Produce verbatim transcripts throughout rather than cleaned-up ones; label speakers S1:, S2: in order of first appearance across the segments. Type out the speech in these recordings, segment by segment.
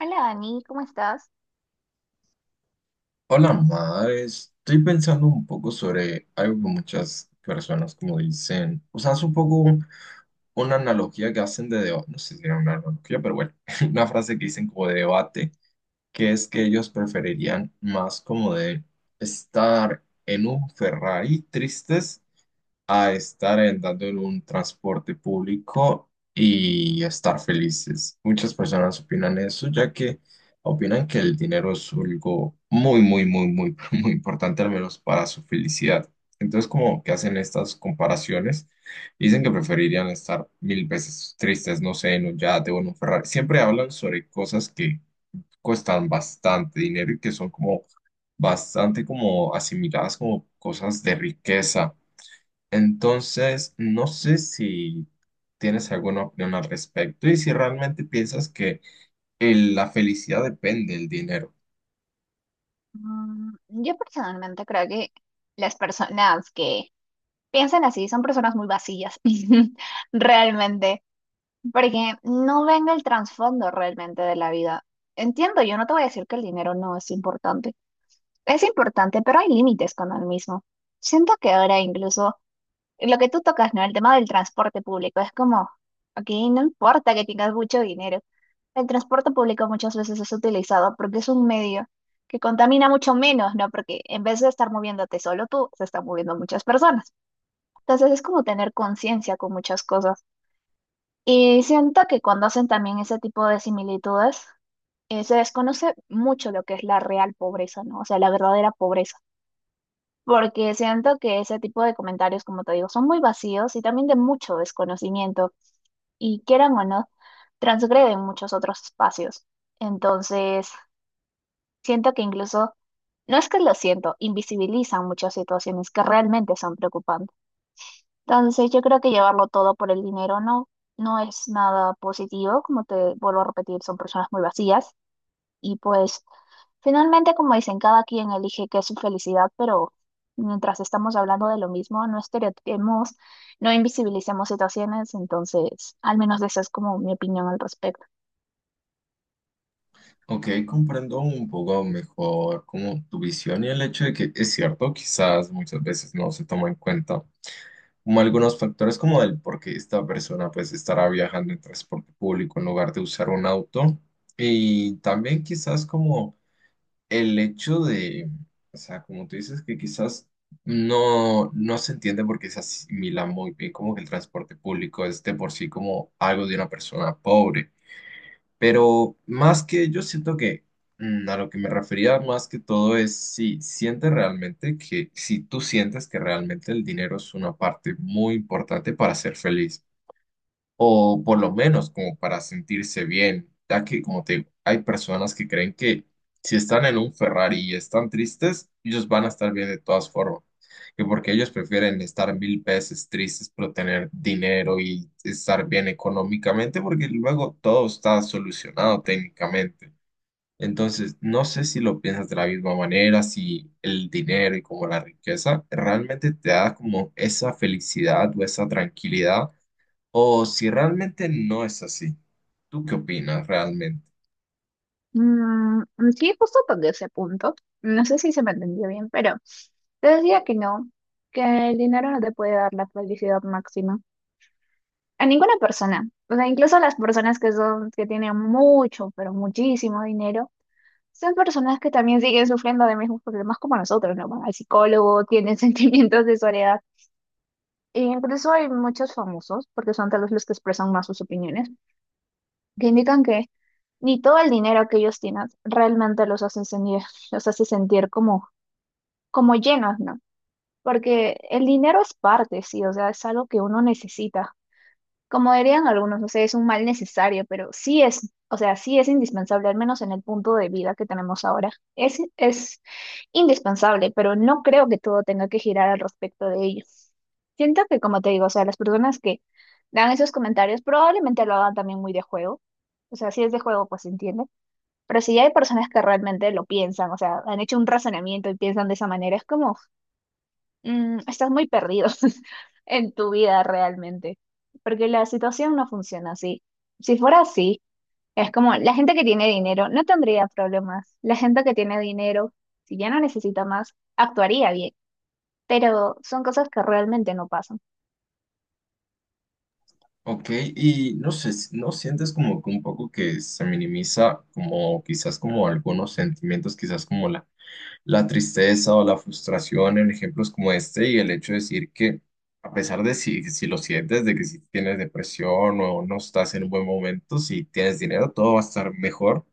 S1: Hola Dani, ¿cómo estás?
S2: Hola, madre. Estoy pensando un poco sobre algo que muchas personas como dicen, o sea, es un poco una analogía que hacen de debate, no sé si era una analogía, pero bueno, una frase que dicen como de debate, que es que ellos preferirían más como de estar en un Ferrari tristes a estar andando en un transporte público y estar felices. Muchas personas opinan eso, ya que opinan que el dinero es algo muy, muy, muy, muy, muy importante, al menos para su felicidad. Entonces, como que hacen estas comparaciones, dicen que preferirían estar mil veces tristes, no sé, en un yate o en un Ferrari. Siempre hablan sobre cosas que cuestan bastante dinero y que son como bastante como asimiladas como cosas de riqueza. Entonces, no sé si tienes alguna opinión al respecto y si realmente piensas que el- la felicidad depende del dinero.
S1: Mm, yo personalmente creo que las personas que piensan así son personas muy vacías, realmente, porque no ven el trasfondo realmente de la vida. Entiendo, yo no te voy a decir que el dinero no es importante. Es importante, pero hay límites con el mismo. Siento que ahora incluso lo que tú tocas, ¿no? El tema del transporte público. Es como, aquí no importa que tengas mucho dinero. El transporte público muchas veces es utilizado porque es un medio que contamina mucho menos, ¿no? Porque en vez de estar moviéndote solo tú, se están moviendo muchas personas. Entonces es como tener conciencia con muchas cosas. Y siento que cuando hacen también ese tipo de similitudes, eh, se desconoce mucho lo que es la real pobreza, ¿no? O sea, la verdadera pobreza porque siento que ese tipo de comentarios, como te digo, son muy vacíos y también de mucho desconocimiento y quieran o no, transgreden muchos otros espacios. Entonces, siento que incluso, no es que lo siento, invisibilizan muchas situaciones que realmente son preocupantes. Entonces, yo creo que llevarlo todo por el dinero no, no es nada positivo, como te vuelvo a repetir, son personas muy vacías y pues... Finalmente, como dicen, cada quien elige qué es su felicidad, pero mientras estamos hablando de lo mismo, no estereotipemos, no invisibilicemos situaciones, entonces, al menos esa es como mi opinión al respecto.
S2: Ok, comprendo un poco mejor como tu visión y el hecho de que es cierto, quizás muchas veces no se toma en cuenta como algunos factores como el por qué esta persona pues estará viajando en transporte público en lugar de usar un auto y también quizás como el hecho de, o sea, como tú dices, que quizás no, no se entiende porque se asimila muy bien como que el transporte público es de por sí como algo de una persona pobre. Pero más que yo siento que mm, a lo que me refería más que todo es si sientes realmente que, si tú sientes que realmente el dinero es una parte muy importante para ser feliz o por lo menos como para sentirse bien, ya que como te digo, hay personas que creen que si están en un Ferrari y están tristes, ellos van a estar bien de todas formas, que porque ellos prefieren estar mil veces tristes pero tener dinero y estar bien económicamente, porque luego todo está solucionado técnicamente. Entonces, no sé si lo piensas de la misma manera, si el dinero y como la riqueza realmente te da como esa felicidad o esa tranquilidad o si realmente no es así. ¿Tú qué opinas realmente?
S1: Mm, sí, justo toqué ese punto. No sé si se me entendió bien, pero te decía que no, que el dinero no te puede dar la felicidad máxima. A ninguna persona, o sea, incluso a las personas que son, que tienen mucho, pero muchísimo dinero. Son personas que también siguen sufriendo de mismos problemas como nosotros, ¿no? Van al psicólogo, tienen sentimientos de soledad. E incluso hay muchos famosos, porque son tal vez los que expresan más sus opiniones, que indican que ni todo el dinero que ellos tienen realmente los hace sentir, los hace sentir como, como llenos, ¿no? Porque el dinero es parte, sí, o sea, es algo que uno necesita, como dirían algunos, no sé, es un mal necesario, pero sí es, o sea, sí es indispensable, al menos en el punto de vida que tenemos ahora. Es, es indispensable, pero no creo que todo tenga que girar al respecto de ello. Siento que, como te digo, o sea, las personas que dan esos comentarios probablemente lo hagan también muy de juego. O sea, si es de juego, pues se entiende. Pero si hay personas que realmente lo piensan, o sea, han hecho un razonamiento y piensan de esa manera, es como mm, estás muy perdido en tu vida realmente, porque la situación no funciona así. Si fuera así, es como la gente que tiene dinero no tendría problemas. La gente que tiene dinero, si ya no necesita más, actuaría bien, pero son cosas que realmente no pasan.
S2: Ok, y no sé, si- ¿no sientes como que un poco que se minimiza como quizás como algunos sentimientos, quizás como la, la tristeza o la frustración en ejemplos como este y el hecho de decir que a pesar de si, si lo sientes, de que si tienes depresión o no estás en un buen momento, si tienes dinero, todo va a estar mejor?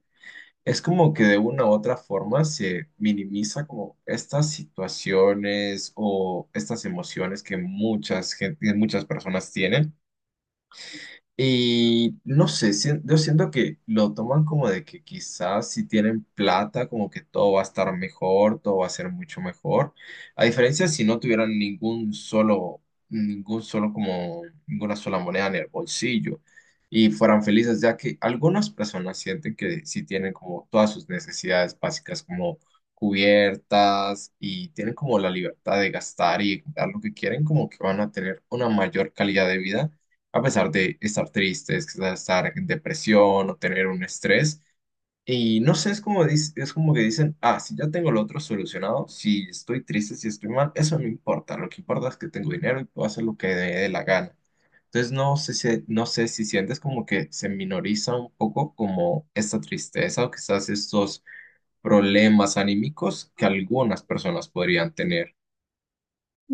S2: Es como que de una u otra forma se minimiza como estas situaciones o estas emociones que muchas gen- que muchas personas tienen. Y no sé, sien- yo siento que lo toman como de que quizás si tienen plata, como que todo va a estar mejor, todo va a ser mucho mejor. A diferencia si no tuvieran ningún solo, ningún solo como, ninguna sola moneda en el bolsillo y fueran felices, ya que algunas personas sienten que si tienen como todas sus necesidades básicas como cubiertas y tienen como la libertad de gastar y comprar lo que quieren, como que van a tener una mayor calidad de vida a pesar de estar tristes, estar en depresión o tener un estrés. Y no sé, es como, dis- es como que dicen, ah, si ya tengo lo otro solucionado, si estoy triste, si estoy mal, eso no importa. Lo que importa es que tengo dinero y puedo hacer lo que me dé la gana. Entonces, no sé si, no sé si sientes como que se minoriza un poco como esta tristeza o quizás estos problemas anímicos que algunas personas podrían tener.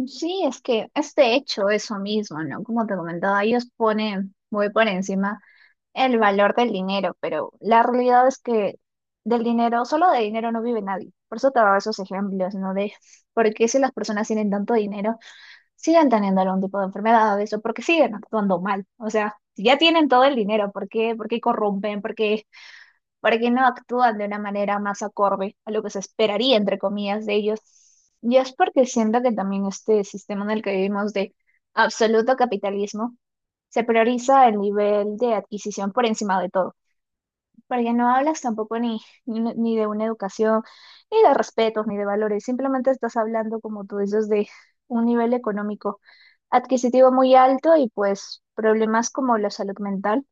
S1: Sí, es que este hecho eso mismo, ¿no? Como te comentaba, ellos ponen muy por encima el valor del dinero, pero la realidad es que del dinero, solo de dinero no vive nadie. Por eso te daba esos ejemplos, ¿no? De por qué si las personas tienen tanto dinero, siguen teniendo algún tipo de enfermedades o porque siguen actuando mal. O sea, si ya tienen todo el dinero, ¿por qué? ¿Por qué corrompen? Porque porque no actúan de una manera más acorde a lo que se esperaría, entre comillas, de ellos. Y es porque siento que también este sistema en el que vivimos de absoluto capitalismo, se prioriza el nivel de adquisición por encima de todo, porque no hablas tampoco ni, ni, ni de una educación, ni de respetos, ni de valores, simplemente estás hablando, como tú dices, de un nivel económico adquisitivo muy alto y pues problemas como la salud mental,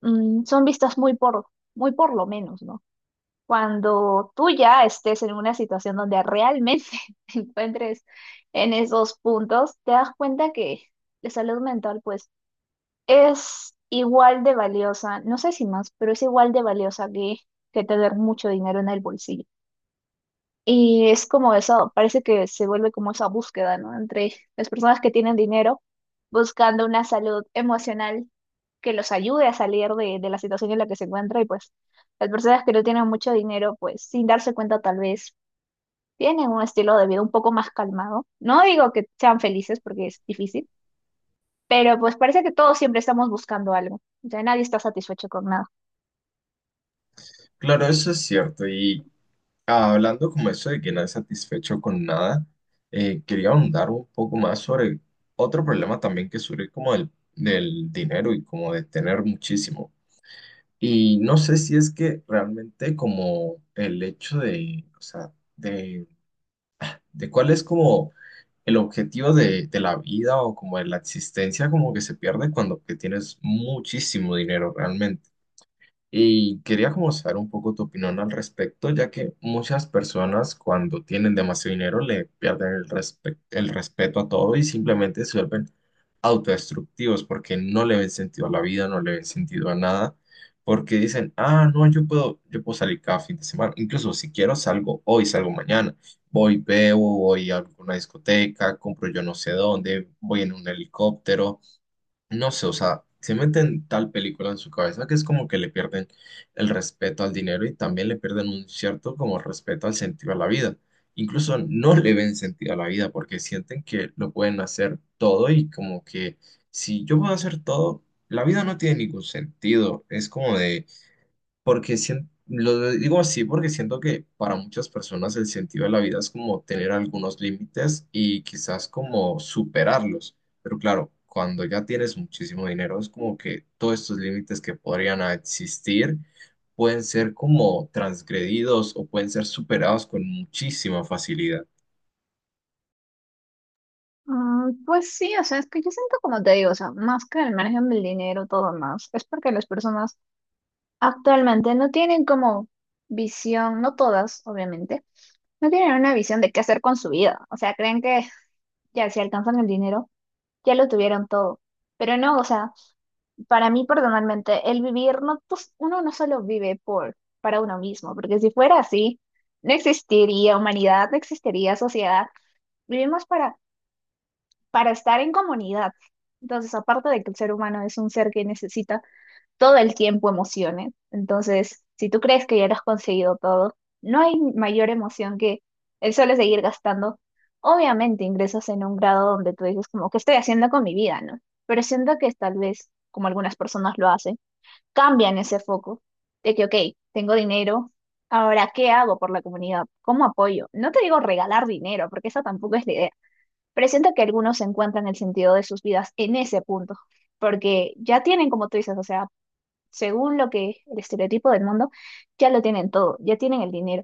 S1: mm, son vistas muy por, muy por lo menos, ¿no? Cuando tú ya estés en una situación donde realmente te encuentres en esos puntos, te das cuenta que la salud mental pues es igual de valiosa, no sé si más, pero es igual de valiosa que, que tener mucho dinero en el bolsillo. Y es como eso parece que se vuelve como esa búsqueda, ¿no? Entre las personas que tienen dinero buscando una salud emocional que los ayude a salir de, de la situación en la que se encuentra y pues las personas que no tienen mucho dinero, pues sin darse cuenta tal vez tienen un estilo de vida un poco más calmado. No digo que sean felices porque es difícil, pero pues parece que todos siempre estamos buscando algo. O sea, nadie está satisfecho con nada.
S2: Claro, eso es cierto. Y Ah, Hablando como eso de que no es satisfecho con nada, eh, quería ahondar un poco más sobre otro problema también que surge como del, del dinero y como de tener muchísimo. Y no sé si es que realmente como el hecho de, o sea, de, de cuál es como el objetivo de, de la vida o como de la existencia como que se pierde cuando que tienes muchísimo dinero realmente. Y quería como saber un poco tu opinión al respecto, ya que muchas personas cuando tienen demasiado dinero le pierden el respe- el respeto a todo y simplemente se vuelven autodestructivos porque no le ven sentido a la vida, no le ven sentido a nada, porque dicen, ah, no, yo puedo, yo puedo salir cada fin de semana, incluso si quiero salgo hoy, salgo mañana, voy, bebo, voy a alguna discoteca, compro yo no sé dónde, voy en un helicóptero, no sé, o sea, se meten tal película en su cabeza que es como que le pierden el respeto al dinero y también le pierden un cierto como respeto al sentido a la vida. Incluso no le ven sentido a la vida porque sienten que lo pueden hacer todo y como que si yo puedo hacer todo, la vida no tiene ningún sentido. Es como de porque sien- lo digo así porque siento que para muchas personas el sentido de la vida es como tener algunos límites y quizás como superarlos. Pero claro, cuando ya tienes muchísimo dinero, es como que todos estos límites que podrían existir pueden ser como transgredidos o pueden ser superados con muchísima facilidad.
S1: Mm, Pues sí, o sea, es que yo siento como te digo, o sea, más que el margen del dinero, todo más, es porque las personas actualmente no tienen como visión, no todas, obviamente, no tienen una visión de qué hacer con su vida. O sea, creen que ya si alcanzan el dinero, ya lo tuvieron todo. Pero no, o sea, para mí personalmente, el vivir, no, pues, uno no solo vive por, para uno mismo, porque si fuera así, no existiría humanidad, no existiría sociedad. Vivimos para, para estar en comunidad. Entonces, aparte de que el ser humano es un ser que necesita todo el tiempo emociones. Entonces, si tú crees que ya lo has conseguido todo, no hay mayor emoción que el solo seguir gastando. Obviamente ingresas en un grado donde tú dices como, ¿qué estoy haciendo con mi vida, no? Pero siento que tal vez, como algunas personas lo hacen, cambian ese foco de que, ok, tengo dinero, ahora, ¿qué hago por la comunidad? ¿Cómo apoyo? No te digo regalar dinero, porque esa tampoco es la idea, pero siento que algunos encuentran el sentido de sus vidas en ese punto, porque ya tienen, como tú dices, o sea, según lo que el estereotipo del mundo, ya lo tienen todo, ya tienen el dinero.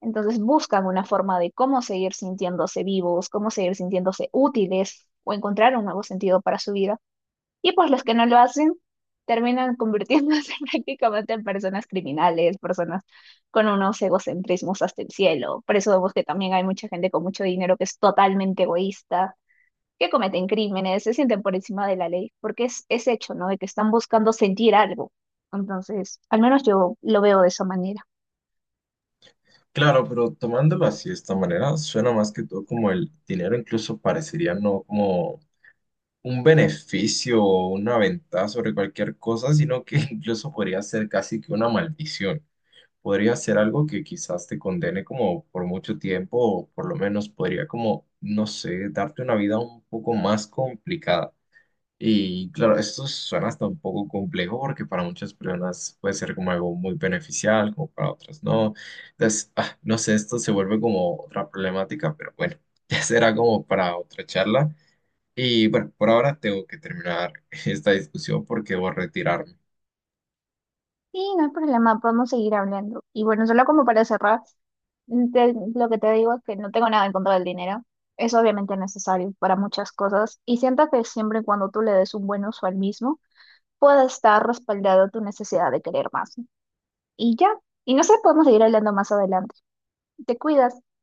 S1: Entonces buscan una forma de cómo seguir sintiéndose vivos, cómo seguir sintiéndose útiles o encontrar un nuevo sentido para su vida. Y pues los que no lo hacen terminan convirtiéndose prácticamente en personas criminales, personas con unos egocentrismos hasta el cielo. Por eso vemos que también hay mucha gente con mucho dinero que es totalmente egoísta que cometen crímenes, se sienten por encima de la ley, porque es, es hecho, ¿no? De que están buscando sentir algo. Entonces, al menos yo lo veo de esa manera.
S2: Claro, pero tomándolo así de esta manera, suena más que todo como el dinero incluso parecería no como un beneficio o una ventaja sobre cualquier cosa, sino que incluso podría ser casi que una maldición. Podría ser algo que quizás te condene como por mucho tiempo o por lo menos podría como, no sé, darte una vida un poco más complicada. Y claro, esto suena hasta un poco complejo porque para muchas personas puede ser como algo muy beneficial, como para otras no. Entonces, ah, no sé, esto se vuelve como otra problemática, pero bueno, ya será como para otra charla. Y bueno, por ahora tengo que terminar esta discusión porque debo retirarme.
S1: Y no hay problema, podemos seguir hablando. Y bueno, solo como para cerrar, mm, te- lo que te digo es que no tengo nada en contra del dinero. Es obviamente necesario para muchas cosas y siento que siempre y cuando tú le des un buen uso al mismo, puede estar respaldado tu necesidad de querer más. Y ya, y no sé, podemos seguir hablando más adelante. Te cuidas.